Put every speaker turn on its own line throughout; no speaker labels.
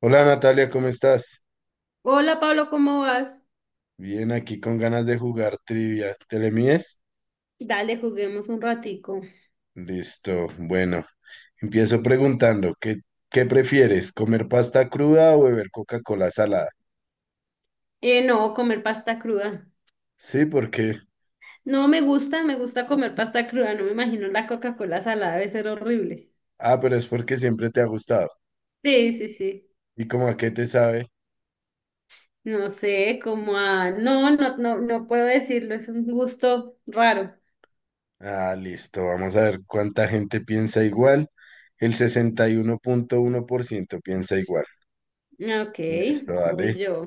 Hola Natalia, ¿cómo estás?
Hola Pablo, ¿cómo vas?
Bien, aquí con ganas de jugar trivia. ¿Te le mides?
Dale, juguemos un ratico.
Listo, bueno. Empiezo preguntando, ¿qué prefieres? ¿Comer pasta cruda o beber Coca-Cola salada?
No, comer pasta cruda.
Sí, porque.
No me gusta, me gusta comer pasta cruda. No me imagino la Coca-Cola salada, debe ser horrible.
Ah, pero es porque siempre te ha gustado.
Sí, sí, sí.
¿Y cómo a qué te sabe?
No sé, como a... No, no, no, no puedo decirlo, es un gusto raro.
Ah, listo, vamos a ver cuánta gente piensa igual. El sesenta y uno punto uno por ciento piensa igual.
Ok,
Listo,
voy
dale.
yo.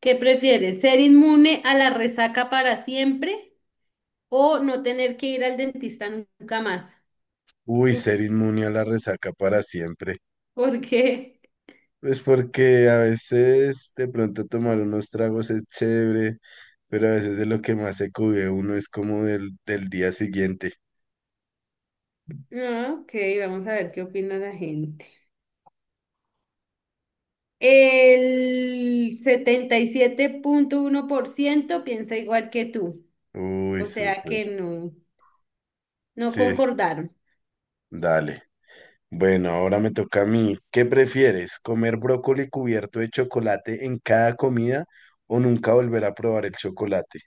¿Qué prefieres? ¿Ser inmune a la resaca para siempre o no tener que ir al dentista nunca más?
Uy,
Uf,
ser inmune a la resaca para siempre.
¿por qué?
Pues porque a veces de pronto tomar unos tragos es chévere, pero a veces de lo que más se cubre uno es como del día siguiente.
Ah, Ok, vamos a ver qué opina la gente. El 77.1% piensa igual que tú,
Uy,
o
súper.
sea que no, no
Sí,
concordaron.
dale. Bueno, ahora me toca a mí. ¿Qué prefieres? ¿Comer brócoli cubierto de chocolate en cada comida o nunca volver a probar el chocolate?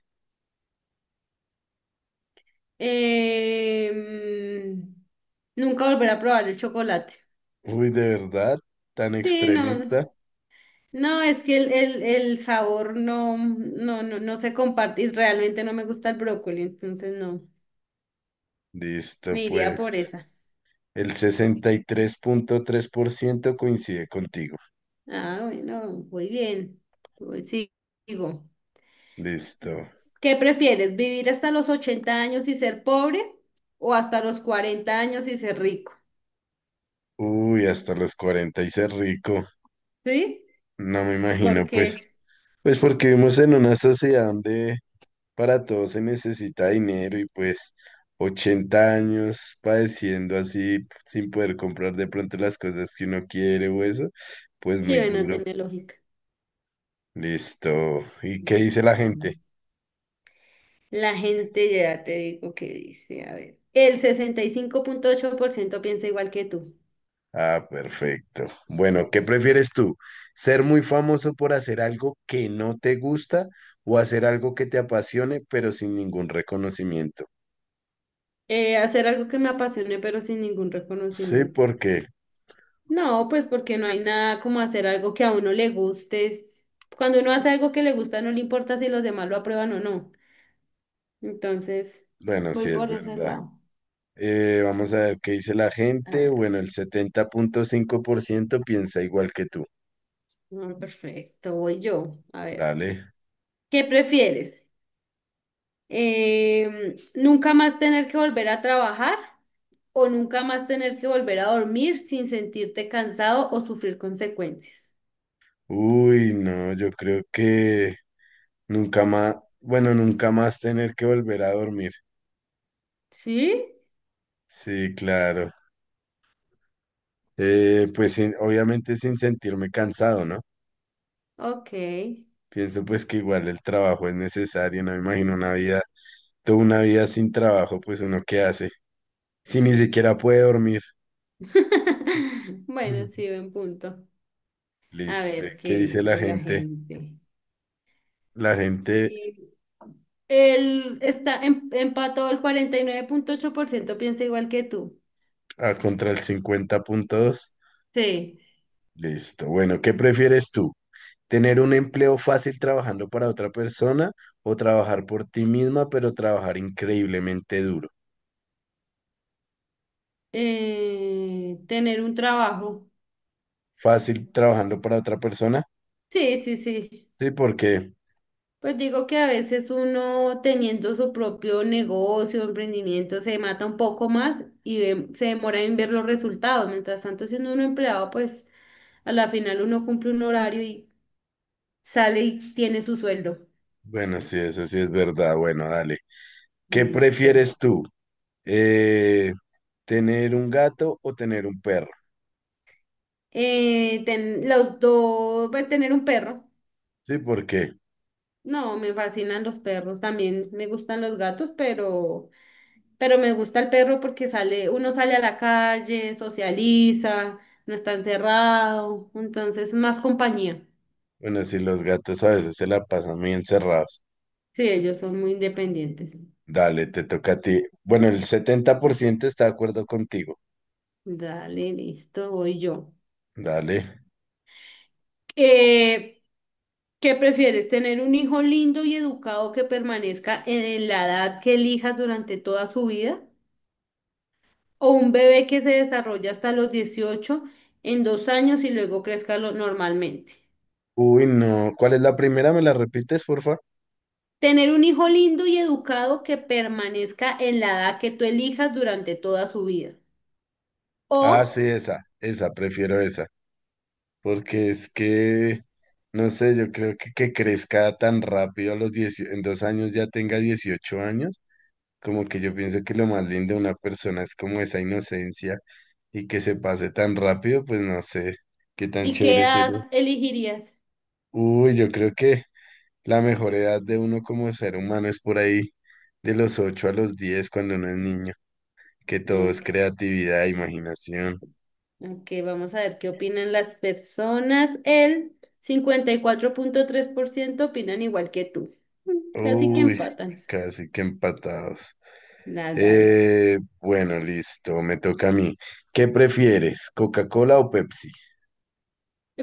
Em, Nunca volver a probar el chocolate.
Uy, ¿de verdad? ¿Tan
Sí, no,
extremista?
no, es que el sabor no, no, no, no se comparte y realmente no me gusta el brócoli, entonces no,
Listo,
me iría por
pues
esa.
el sesenta y tres punto tres por ciento coincide contigo.
Ah, bueno, muy bien. Sigo.
Listo.
¿Qué prefieres, vivir hasta los 80 años y ser pobre o hasta los 40 años y ser rico?
Uy, hasta los 40 y ser rico.
¿Sí?
No me imagino, pues.
Porque
Pues porque vivimos en una sociedad donde para todo se necesita dinero y pues 80 años padeciendo así sin poder comprar de pronto las cosas que uno quiere o eso, pues
sí,
muy
bueno,
duro.
tiene lógica.
Listo. ¿Y qué dice la
Listo.
gente?
La gente ya te digo que dice, a ver, el 65.8% piensa igual que tú.
Ah, perfecto. Bueno, ¿qué prefieres tú? ¿Ser muy famoso por hacer algo que no te gusta o hacer algo que te apasione pero sin ningún reconocimiento?
Hacer algo que me apasione pero sin ningún
Sí,
reconocimiento.
porque,
No, pues porque no hay nada como hacer algo que a uno le guste. Cuando uno hace algo que le gusta, no le importa si los demás lo aprueban o no. Entonces,
bueno,
voy
sí es
por ese
verdad.
lado.
Vamos a ver qué dice la
A
gente.
ver,
Bueno, el 70.5% piensa igual que tú.
perfecto, voy yo. A ver,
Dale.
¿qué prefieres? ¿Nunca más tener que volver a trabajar o nunca más tener que volver a dormir sin sentirte cansado o sufrir consecuencias?
Uy, no, yo creo que nunca más, bueno, nunca más tener que volver a dormir.
¿Sí?
Sí, claro. Pues obviamente sin sentirme cansado, ¿no?
Ok.
Pienso pues que igual el trabajo es necesario, no me imagino una vida, toda una vida sin trabajo, pues uno qué hace, si ni siquiera puede dormir.
Bueno, sí, buen punto. A
Listo.
ver,
¿Qué
¿qué
dice la
dice la
gente?
gente?
La gente
Y el, está empató el 49.8% piensa igual que tú.
a contra el 50.2.
Sí.
Listo. Bueno, ¿qué prefieres tú? ¿Tener un empleo fácil trabajando para otra persona o trabajar por ti misma, pero trabajar increíblemente duro?
Tener un trabajo.
Fácil trabajando para otra persona.
Sí, sí, sí.
Sí, porque,
Pues digo que a veces uno teniendo su propio negocio, emprendimiento, se mata un poco más y se demora en ver los resultados. Mientras tanto, siendo uno empleado, pues a la final uno cumple un horario y sale y tiene su sueldo.
bueno, sí, eso sí es verdad. Bueno, dale. ¿Qué
Listo.
prefieres tú? Eh, ¿Tener un gato o tener un perro?
Los dos, pues tener un perro.
Sí, porque,
No, me fascinan los perros. También me gustan los gatos, pero... Pero me gusta el perro porque sale, uno sale a la calle, socializa, no está encerrado, entonces más compañía.
bueno, sí los gatos a veces se la pasan muy encerrados.
Sí, ellos son muy independientes.
Dale, te toca a ti. Bueno, el 70% está de acuerdo contigo.
Dale, listo, voy yo.
Dale.
Eh, ¿Qué prefieres? ¿Tener un hijo lindo y educado que permanezca en la edad que elijas durante toda su vida? ¿O un bebé que se desarrolla hasta los 18 en 2 años y luego crezca normalmente?
Uy, no. ¿Cuál es la primera? ¿Me la repites, porfa?
Tener un hijo lindo y educado que permanezca en la edad que tú elijas durante toda su vida.
Ah, sí,
O,
esa. Esa, prefiero esa. Porque es que, no sé, yo creo que crezca tan rápido a los 10, en 2 años ya tenga 18 años, como que yo pienso que lo más lindo de una persona es como esa inocencia y que se pase tan rápido, pues no sé qué tan
¿y qué
chévere sería.
edad elegirías?
Uy, yo creo que. La mejor edad de uno como ser humano es por ahí de los 8 a los 10 cuando uno es niño, que todo
Mm,
es creatividad, imaginación.
Ok, vamos a ver qué opinan las personas. El 54.3% opinan igual que tú. Mm. Casi que
Uy,
empatan.
casi que empatados.
Nada,
Bueno, listo, me toca a mí. ¿Qué prefieres, Coca-Cola o Pepsi?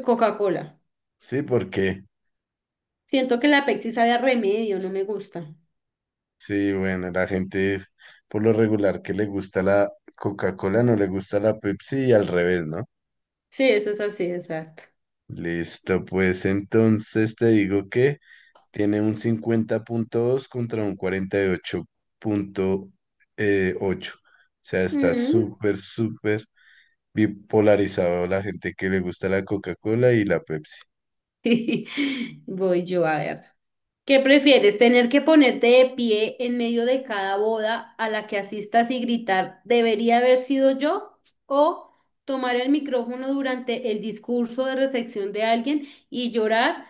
Coca-Cola.
Sí, ¿por qué?
Siento que la Pepsi sabe a remedio, no me gusta.
Sí, bueno, la gente por lo regular que le gusta la Coca-Cola no le gusta la Pepsi y al revés, ¿no?
Sí, eso es así, exacto.
Listo, pues entonces te digo que. Tiene un 50.2 contra un 48.8. O sea, está
Mm.
súper, súper bipolarizado la gente que le gusta la Coca-Cola y la Pepsi.
Voy yo a ver. ¿Qué prefieres? ¿Tener que ponerte de pie en medio de cada boda a la que asistas y gritar, debería haber sido yo? ¿O tomar el micrófono durante el discurso de recepción de alguien y llorar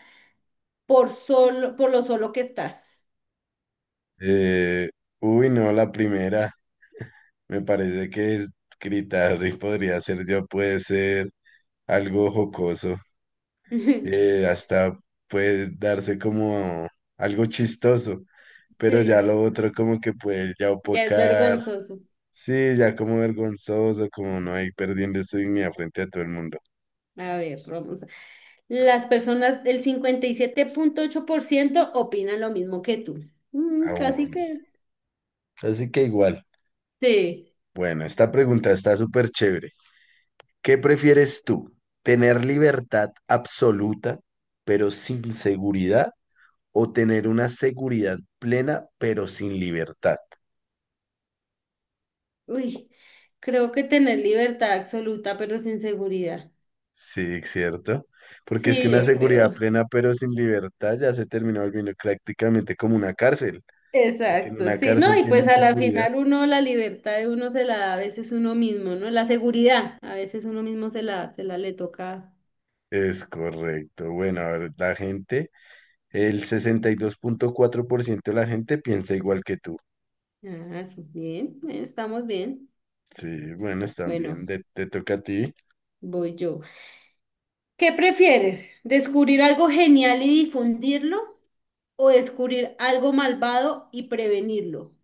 por solo, por lo solo que estás?
Eh, uy, no, la primera. Me parece que Critarri podría ser, ya puede ser algo jocoso. Hasta puede darse como algo chistoso. Pero
Sí,
ya
sí,
lo
sí.
otro como que puede ya
Ya es
opacar.
vergonzoso.
Sí, ya como vergonzoso, como no hay perdiendo su dignidad frente a todo el mundo.
A ver, Las personas del 57.8% opinan lo mismo que tú. Casi
Aún.
que.
Así que igual.
Sí.
Bueno, esta pregunta está súper chévere. ¿Qué prefieres tú? ¿Tener libertad absoluta, pero sin seguridad? ¿O tener una seguridad plena, pero sin libertad?
Uy, creo que tener libertad absoluta, pero sin seguridad.
Sí, ¿cierto? Porque es que
Sí,
una, sí,
yo
seguridad
creo.
plena, pero sin libertad, ya se terminó volviendo prácticamente como una cárcel. Porque en
Exacto,
una
sí. No,
cárcel
y pues
tienen
a la
seguridad.
final uno, la libertad de uno se la da a veces uno mismo, ¿no? La seguridad, a veces uno mismo se la le toca.
Es correcto. Bueno, a ver, la gente. El 62.4% de la gente piensa igual que tú.
Ah, sí, bien, bien, estamos bien.
Sí, bueno, están
Bueno,
bien. Te toca a ti.
voy yo. ¿Qué prefieres? ¿Descubrir algo genial y difundirlo o descubrir algo malvado y prevenirlo?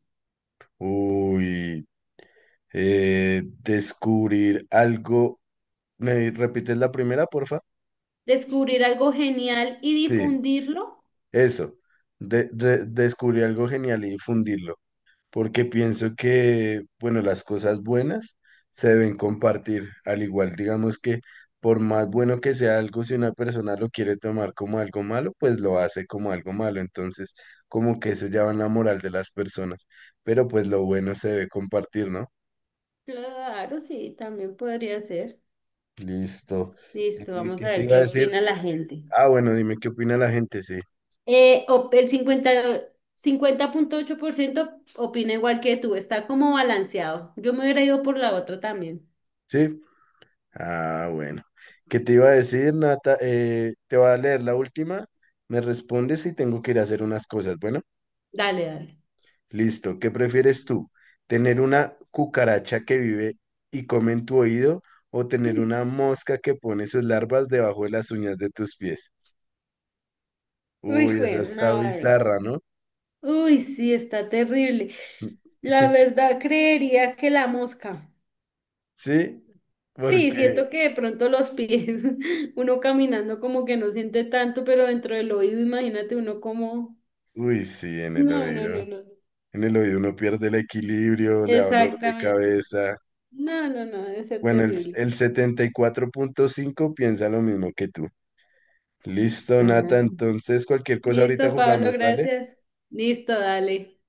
Uy, descubrir algo. ¿Me repites la primera, porfa?
¿Descubrir algo genial y
Sí,
difundirlo?
eso. Descubrir algo genial y difundirlo. Porque pienso que, bueno, las cosas buenas se deben compartir, al igual, digamos que por más bueno que sea algo, si una persona lo quiere tomar como algo malo, pues lo hace como algo malo, entonces como que eso ya va en la moral de las personas, pero pues lo bueno se debe compartir, ¿no?
Claro, sí, también podría ser.
Listo.
Listo,
¿Y
vamos
¿Qué
a
te
ver
iba
qué
a decir?
opina la gente.
Ah, bueno, dime qué opina la gente, sí.
El 50.8% opina igual que tú, está como balanceado. Yo me hubiera ido por la otra también.
¿Sí? Ah, bueno. ¿Qué te iba a decir, Nata? Te voy a leer la última. Me respondes y tengo que ir a hacer unas cosas. Bueno.
Dale, dale.
Listo. ¿Qué prefieres tú? ¿Tener una cucaracha que vive y come en tu oído o tener
Mm.
una mosca que pone sus larvas debajo de las uñas de tus pies?
Uy,
Uy, esa
jue
está
madre.
bizarra, ¿no?
Uy, sí, está terrible. La verdad, creería que la mosca.
Sí,
Sí,
porque,
siento que de pronto los pies, uno caminando como que no siente tanto, pero dentro del oído, imagínate uno como...
uy, sí, en el
No, no, no,
oído.
no.
En el oído uno pierde el equilibrio, le da dolor de
Exactamente, sí.
cabeza.
No, no, no, debe ser
Bueno, el,
terrible.
el 74.5 piensa lo mismo que tú. Listo,
Ajá.
Nata. Entonces, cualquier cosa ahorita
Listo, Pablo,
jugamos, dale.
gracias. Listo, dale.